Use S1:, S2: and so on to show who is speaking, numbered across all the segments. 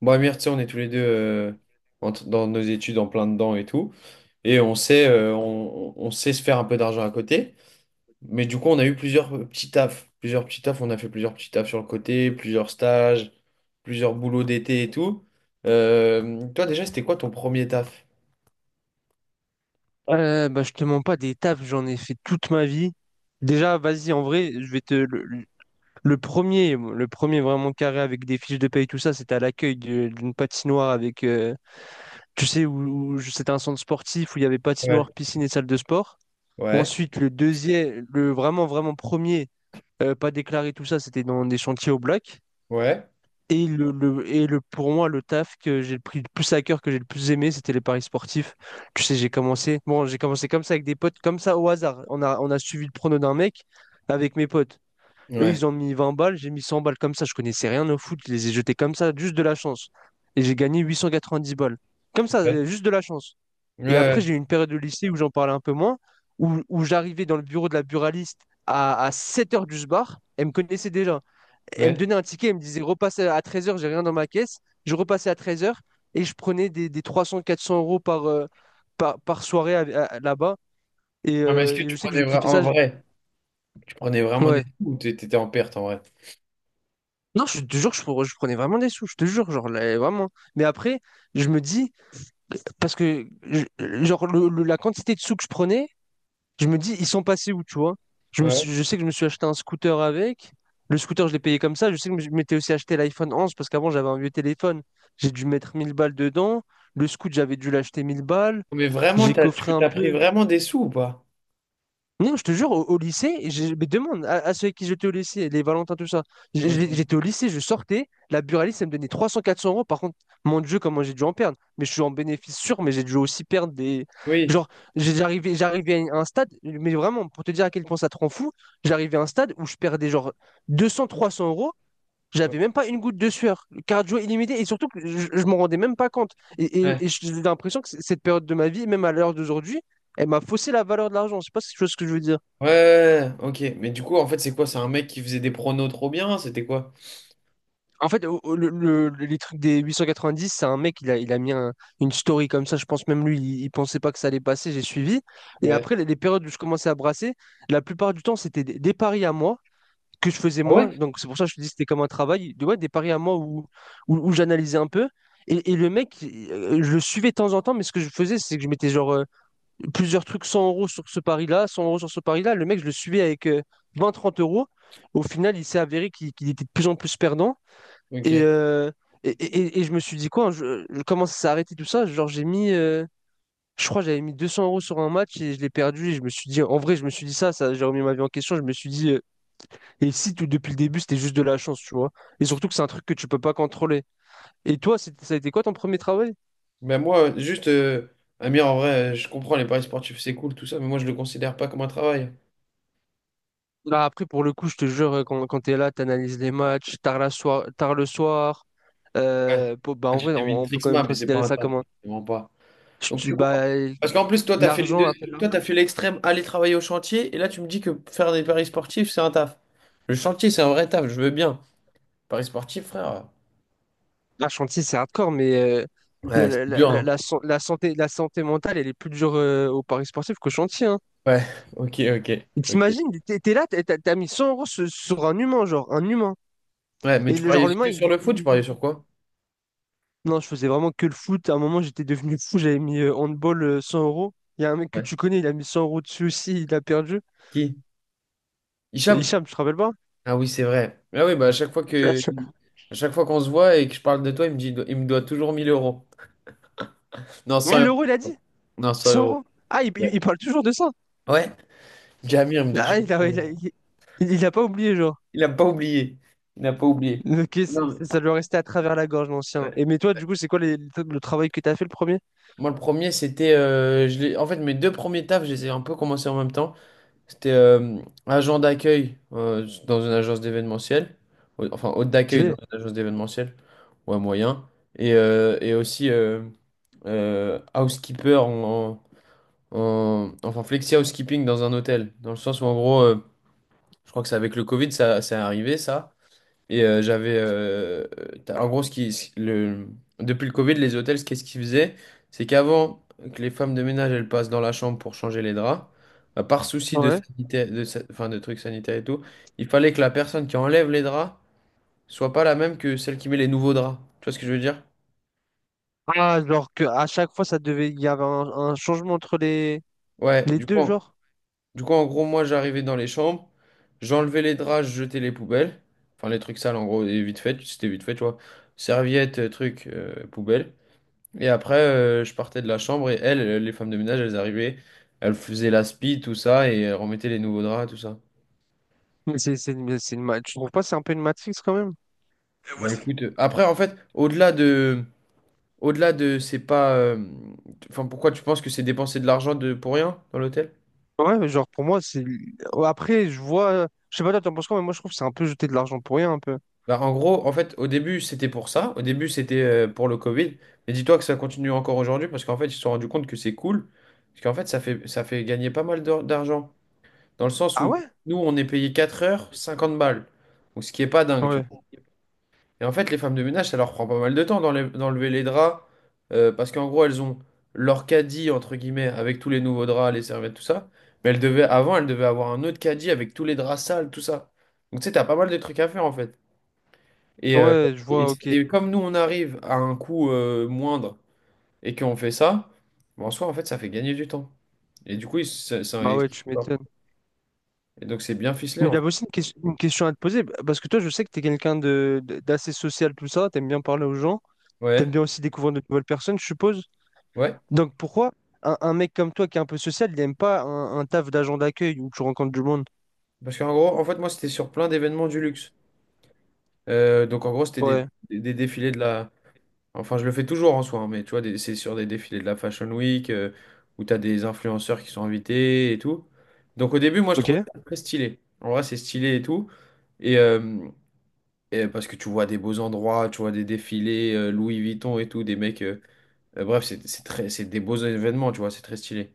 S1: Bon, Amir, tu sais, on est tous les deux dans nos études en plein dedans et tout. Et on sait, on sait se faire un peu d'argent à côté. Mais du coup, on a eu plusieurs petits tafs. Plusieurs petits tafs. On a fait plusieurs petits tafs sur le côté, plusieurs stages, plusieurs boulots d'été et tout. Toi, déjà, c'était quoi ton premier taf?
S2: Bah, je te mens pas, des tafs, j'en ai fait toute ma vie. Déjà, vas-y, en vrai, je vais te. Le premier, le premier vraiment carré avec des fiches de paye, tout ça, c'était à l'accueil d'une patinoire avec. Tu sais, c'était un centre sportif où il y avait
S1: Ouais.
S2: patinoire, piscine et salle de sport.
S1: Ouais.
S2: Ensuite, le deuxième, le vraiment, vraiment premier, pas déclaré, tout ça, c'était dans des chantiers au black.
S1: Ouais.
S2: Et pour moi, le taf que j'ai pris le plus à cœur, que j'ai le plus aimé, c'était les paris sportifs. Tu sais, j'ai commencé comme ça avec des potes, comme ça au hasard. On a suivi le prono d'un mec avec mes potes. Eux,
S1: Ouais.
S2: ils ont mis 20 balles, j'ai mis 100 balles comme ça. Je connaissais rien au foot, je les ai jetés comme ça, juste de la chance. Et j'ai gagné 890 balles. Comme ça,
S1: Ouais.
S2: juste de la chance.
S1: Ouais.
S2: Et après,
S1: Ouais.
S2: j'ai eu une période de lycée où j'en parlais un peu moins, où j'arrivais dans le bureau de la buraliste à 7 heures du bar. Elle me connaissait déjà. Elle me
S1: Ouais,
S2: donnait un ticket, elle me disait repasse à 13h, j'ai rien dans ma caisse. Je repassais à 13h et je prenais des 300, 400 euros par soirée là-bas. Et,
S1: ah, mais est-ce
S2: euh,
S1: que
S2: et je
S1: tu
S2: sais que je
S1: prenais
S2: kiffais
S1: en
S2: ça.
S1: vrai, tu prenais vraiment des
S2: Ouais.
S1: sous ou t'étais en perte en vrai?
S2: Non, je te jure, je prenais vraiment des sous, je te jure, genre, là, vraiment. Mais après, je me dis, parce que, je- genre, la quantité de sous que je prenais, je me dis, ils sont passés où, tu vois?
S1: Ouais.
S2: Je sais que je me suis acheté un scooter avec. Le scooter, je l'ai payé comme ça. Je sais que je m'étais aussi acheté l'iPhone 11 parce qu'avant, j'avais un vieux téléphone. J'ai dû mettre 1000 balles dedans. Le scoot, j'avais dû l'acheter 1000 balles.
S1: Mais vraiment,
S2: J'ai coffré
S1: tu
S2: un
S1: as pris
S2: peu.
S1: vraiment des sous ou pas?
S2: Non, je te jure, au lycée, mais demande à ceux avec qui j'étais au lycée, les Valentins, tout ça. J'- j'-
S1: Ok.
S2: J'étais au lycée, je sortais, la buraliste, elle me donnait 300-400 euros. Par contre, mon Dieu, comment j'ai dû en perdre. Mais je suis en bénéfice sûr, mais j'ai dû aussi perdre des.
S1: Oui.
S2: Genre, j'arrivais à un stade, mais vraiment, pour te dire à quel point ça te rend fou, j'arrivais à un stade où je perdais genre 200-300 euros.
S1: Ouais.
S2: J'avais même pas une goutte de sueur, cardio illimité, et surtout que je m'en rendais même pas compte. Et,
S1: Ouais,
S2: et, et j'ai l'impression que cette période de ma vie, même à l'heure d'aujourd'hui, elle m'a faussé la valeur de l'argent. Je sais pas si tu vois ce que je veux dire.
S1: ouais, ouais, ok. Mais du coup, en fait, c'est quoi? C'est un mec qui faisait des pronos trop bien? C'était quoi?
S2: En fait, les trucs des dix c'est un mec, il a mis une story comme ça. Je pense même lui, il pensait pas que ça allait passer. J'ai suivi. Et
S1: Ouais.
S2: après, les périodes où je commençais à brasser, la plupart du temps, c'était des paris à moi que je faisais
S1: Ah ouais?
S2: moi. Donc, c'est pour ça que je te dis que c'était comme un travail. Ouais, des paris à moi où j'analysais un peu. Et le mec, je le suivais de temps en temps, mais ce que je faisais, c'est que je mettais genre plusieurs trucs 100 euros sur ce pari-là, 100 euros sur ce pari-là. Le mec, je le suivais avec vingt trente euros. Au final, il s'est avéré qu'il était de plus en plus perdant. Et,
S1: Ok.
S2: euh, et je me suis dit quoi, je commence à s'arrêter tout ça. Genre, j'ai mis, je crois, que j'avais mis 200 euros sur un match et je l'ai perdu. Et je me suis dit, en vrai, je me suis dit ça, j'ai remis ma vie en question. Je me suis dit, et si tout depuis le début, c'était juste de la chance, tu vois. Et surtout que c'est un truc que tu peux pas contrôler. Et toi, ça a été quoi ton premier travail?
S1: Ben moi, juste, Amir, en vrai, je comprends les paris sportifs, c'est cool, tout ça, mais moi, je le considère pas comme un travail.
S2: Là, après, pour le coup, je te jure, quand t'es là, t'analyses les matchs tard, la soir, tard le soir.
S1: Ouais.
S2: Bah,
S1: Ah,
S2: en
S1: tu
S2: vrai,
S1: fais
S2: on peut quand
S1: Vintrixma,
S2: même
S1: mais c'est
S2: considérer
S1: pas un
S2: ça
S1: travail,
S2: comme un.
S1: vraiment pas. Donc, tu comprends.
S2: Bah,
S1: Parce qu'en plus, toi, t'as fait les
S2: l'argent,
S1: deux.
S2: appelle.
S1: Toi, t'as fait l'extrême, aller travailler au chantier, et là, tu me dis que faire des paris sportifs, c'est un taf. Le chantier, c'est un vrai taf, je veux bien. Paris sportif, frère.
S2: Un chantier, c'est hardcore, mais la,
S1: Ouais, c'est
S2: la- la-
S1: dur,
S2: la-
S1: hein.
S2: la san- la santé, la santé, mentale, elle est plus dure au Paris sportif qu'au chantier. Hein.
S1: Ouais, ok, ok.
S2: Et
S1: Ok.
S2: t'imagines, t'es là, t'as mis 100 euros sur un humain, genre, un humain.
S1: Ouais, mais
S2: Et
S1: tu
S2: le genre,
S1: pariais
S2: l'humain,
S1: que sur
S2: il,
S1: le foot, tu
S2: il-
S1: pariais
S2: il-
S1: sur quoi?
S2: Non, je faisais vraiment que le foot. À un moment, j'étais devenu fou, j'avais mis handball 100 euros. Il y a un mec que
S1: Ouais.
S2: tu connais, il a mis 100 euros dessus aussi, il a perdu.
S1: Qui? Hicham?
S2: Hicham, tu te rappelles pas?
S1: Ah oui, c'est vrai. Ah oui, bah à chaque fois qu'on se voit et que je parle de toi, il me dit il me doit toujours 1000 euros. Non, 100
S2: Mille
S1: euros.
S2: euros, il a dit?
S1: Non, 100
S2: Cent
S1: euros.
S2: euros. Ah, il,
S1: Ouais.
S2: il- il parle toujours de ça.
S1: Ouais. Jamir il me doit
S2: Ah, il
S1: toujours 100
S2: a, il a-
S1: euros.
S2: il- il a pas oublié, genre.
S1: Il n'a pas oublié. Il n'a pas oublié.
S2: Ok,
S1: Non, mais,
S2: ça doit rester à travers la gorge, l'ancien.
S1: ouais.
S2: Et mais toi, du coup, c'est quoi le travail que t'as fait le premier?
S1: Moi, le premier, c'était en fait, mes deux premiers tafs, je les ai un peu commencés en même temps. C'était agent d'accueil dans une agence d'événementiel. Enfin, hôte
S2: Je
S1: d'accueil dans
S2: l'ai.
S1: une agence d'événementiel. Ouais, moyen. Et, et aussi housekeeper enfin, flexi housekeeping dans un hôtel. Dans le sens où, en gros, je crois que c'est avec le Covid, ça est arrivé, ça. Et j'avais. En gros, ce qui, ce- le, depuis le Covid, les hôtels, ce qu'est-ce qu'ils faisaient? C'est qu'avant que les femmes de ménage elles passent dans la chambre pour changer les draps, bah, par souci de
S2: Ouais.
S1: sanitaire, enfin, de trucs sanitaires et tout, il fallait que la personne qui enlève les draps soit pas la même que celle qui met les nouveaux draps. Tu vois ce que je veux dire?
S2: Ah, genre que à chaque fois, ça devait, il y avait un changement entre les,
S1: Ouais,
S2: les deux, genre.
S1: du coup, en gros, moi, j'arrivais dans les chambres, j'enlevais les draps, je jetais les poubelles. Enfin, les trucs sales, en gros, et vite fait, c'était vite fait, tu vois. Serviettes, trucs, poubelles. Et après, je partais de la chambre et elles, les femmes de ménage, elles arrivaient, elles faisaient la spie, tout ça, et elles remettaient les nouveaux draps, tout ça.
S2: Mais c'est une, tu trouves pas, c'est un peu une matrix quand même?
S1: Bah
S2: Ouais,
S1: ouais. Écoute, après, en fait, au-delà de... Au-delà de... C'est pas... enfin, pourquoi tu penses que c'est dépenser de l'argent de... pour rien dans l'hôtel?
S2: Ouais, mais genre pour moi, c'est. Ouais, après, je vois. Je sais pas, toi, t'en penses quoi, mais moi, je trouve que c'est un peu jeter de l'argent pour rien, un peu.
S1: Bah en gros, en fait, au début, c'était pour ça. Au début, c'était pour le Covid. Mais dis-toi que ça continue encore aujourd'hui, parce qu'en fait, ils se sont rendus compte que c'est cool. Parce qu'en fait, ça fait gagner pas mal d'argent. Dans le sens
S2: Ah
S1: où,
S2: ouais?
S1: nous, on est payé 4 heures, 50 balles. Donc, ce qui est pas dingue, tu
S2: Ouais,
S1: vois. Et en fait, les femmes de ménage, ça leur prend pas mal de temps d'enlever les draps, parce qu'en gros, elles ont leur caddie, entre guillemets, avec tous les nouveaux draps, les serviettes, tout ça. Mais elles devaient, avant, elles devaient avoir un autre caddie avec tous les draps sales, tout ça. Donc, tu sais, t'as pas mal de trucs à faire, en fait. Et,
S2: ouais, je vois, ok.
S1: et comme nous, on arrive à un coût moindre et qu'on fait ça, ben, en soi, en fait, ça fait gagner du temps. Et du coup,
S2: Bah
S1: et
S2: ouais, tu m'étonnes.
S1: donc, c'est bien ficelé,
S2: Mais
S1: en fait.
S2: j'avais aussi une question à te poser, parce que toi, je sais que t'es quelqu'un d'assez social, tout ça, t'aimes bien parler aux gens. T'aimes
S1: Ouais,
S2: bien aussi découvrir de nouvelles personnes, je suppose.
S1: ouais.
S2: Donc pourquoi un mec comme toi qui est un peu social, il n'aime pas un taf d'agent d'accueil où tu rencontres du monde?
S1: Parce qu'en gros, en fait, moi, c'était sur plein d'événements du luxe. Donc en gros, c'était
S2: Ouais.
S1: des défilés de la... Enfin, je le fais toujours en soi, hein, mais tu vois, c'est sur des défilés de la Fashion Week, où tu as des influenceurs qui sont invités et tout. Donc au début, moi, je
S2: Ok.
S1: trouvais ça très stylé. En vrai, c'est stylé et tout. Et, euh, et parce que tu vois des beaux endroits, tu vois des défilés, Louis Vuitton et tout, des mecs... bref, c'est des beaux événements, tu vois, c'est très stylé.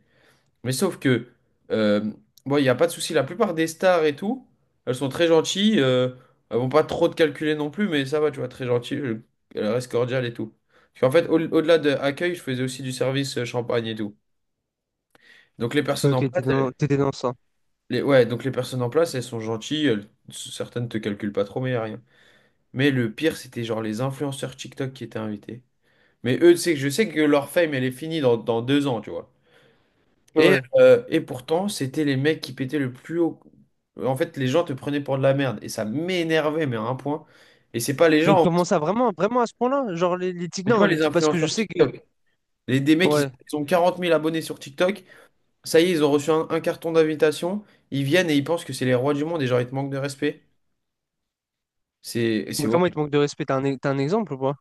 S1: Mais sauf que, euh, bon, il n'y a pas de souci. La plupart des stars et tout, elles sont très gentilles. Elles vont pas trop te calculer non plus, mais ça va, tu vois, très gentilles. Elles restent cordiales et tout. Parce qu'en fait, au- delà de accueil, je faisais aussi du service champagne et tout. Donc les personnes
S2: Ok,
S1: en
S2: t'étais
S1: place,
S2: dans, t'étais dans ça.
S1: ouais, donc les personnes en place, elles sont gentilles. Certaines te calculent pas trop, mais y a rien. Mais le pire, c'était genre les influenceurs TikTok qui étaient invités. Mais eux, tu sais que je sais que leur fame, elle est finie dans deux ans, tu vois.
S2: Ouais.
S1: Et pourtant, c'était les mecs qui pétaient le plus haut. En fait, les gens te prenaient pour de la merde. Et ça m'énervait, mais à un point. Et c'est pas les
S2: Mais
S1: gens.
S2: comment ça, vraiment, vraiment à ce point-là? Genre les types,
S1: Mais tu
S2: non,
S1: vois,
S2: les
S1: les
S2: types, parce que je
S1: influenceurs
S2: sais que.
S1: TikTok. Les, des mecs,
S2: Ouais.
S1: ils ont 40 000 abonnés sur TikTok. Ça y est, ils ont reçu un carton d'invitation. Ils viennent et ils pensent que c'est les rois du monde. Et genre, ils te manquent de respect. C'est
S2: Mais comment ils te
S1: horrible.
S2: manquent de respect? T'as un exemple ou pas?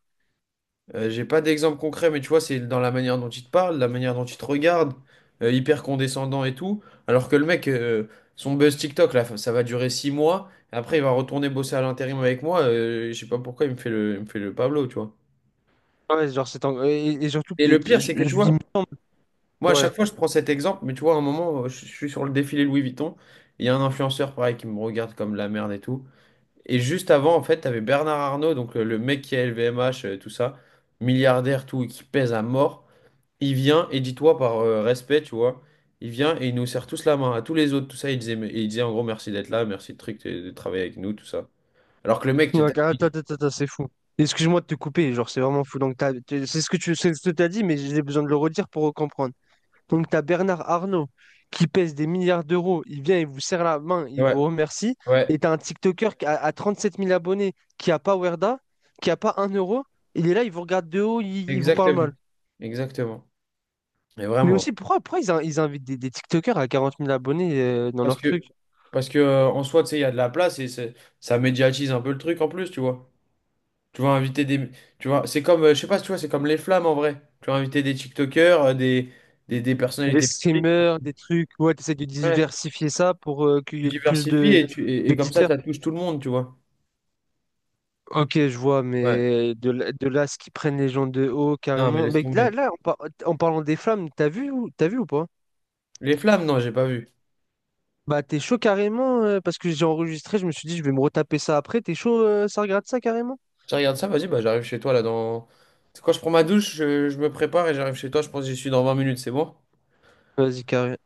S1: J'ai pas d'exemple concret, mais tu vois, c'est dans la manière dont il te parle, la manière dont il te regarde, hyper condescendant et tout. Alors que le mec, son buzz TikTok, là, ça va durer six mois. Après, il va retourner bosser à l'intérim avec moi. Je sais pas pourquoi il me fait le Pablo, tu vois.
S2: Ouais, genre c'est. Et surtout, que
S1: Et le pire, c'est que tu
S2: il
S1: vois,
S2: me semble.
S1: moi, à
S2: Ouais.
S1: chaque fois, je prends cet exemple, mais tu vois, à un moment, je suis sur le défilé Louis Vuitton. Il y a un influenceur, pareil, qui me regarde comme de la merde et tout. Et juste avant, en fait, t'avais Bernard Arnault, donc le mec qui a LVMH, tout ça, milliardaire, tout, et qui pèse à mort. Il vient, et dis-toi par respect, tu vois, il vient et il nous serre tous la main, à tous les autres, tout ça, il disait, il disait en gros merci d'être là, merci de truc, de travailler avec nous, tout ça. Alors que le mec, tu
S2: Donc attends, attends, attends, attends, c'est fou. Excuse-moi de te couper, genre c'est vraiment fou. Donc c'est ce que t'as dit, mais j'ai besoin de le redire pour comprendre. Donc, tu as Bernard Arnault qui pèse des milliards d'euros. Il vient, il vous serre la main, il
S1: ouais,
S2: vous remercie.
S1: ouais,
S2: Et tu as un TikToker à 37 000 abonnés qui n'a pas Werda, qui n'a pas un euro. Il est là, il vous regarde de haut, il vous parle mal.
S1: exactement. Exactement. Et
S2: Mais
S1: vraiment.
S2: aussi, pourquoi ils invitent des TikTokers à 40 000 abonnés dans
S1: Parce
S2: leur truc?
S1: que, Parce que en soi, tu sais, il y a de la place et ça médiatise un peu le truc en plus, tu vois. Tu vas inviter des. Tu vois, c'est comme, je sais pas si tu vois, c'est comme les flammes en vrai. Tu vas inviter des TikTokers, des
S2: Des
S1: personnalités publiques.
S2: streamers, des trucs. Ouais, tu essaies de
S1: Ouais.
S2: diversifier ça pour qu'il
S1: Tu
S2: y ait plus
S1: diversifies
S2: de
S1: et comme ça
S2: d'auditeurs.
S1: touche tout le monde, tu vois.
S2: Ok, je vois,
S1: Ouais.
S2: mais de là, ce qu'ils prennent les gens de haut,
S1: Non, mais
S2: carrément.
S1: laisse
S2: Mais là,
S1: tomber.
S2: là, en parlant des flammes, t'as vu, t'as vu ou pas?
S1: Les flammes, non, j'ai pas vu.
S2: Bah, t'es chaud carrément, parce que j'ai enregistré, je me suis dit, je vais me retaper ça après. T'es chaud, ça regarde ça carrément?
S1: Tu regardes ça, vas-y, bah j'arrive chez toi là dans. C'est quand je prends ma douche, je me prépare et j'arrive chez toi, je pense que j'y suis dans 20 minutes, c'est bon?
S2: Vas-y, carré-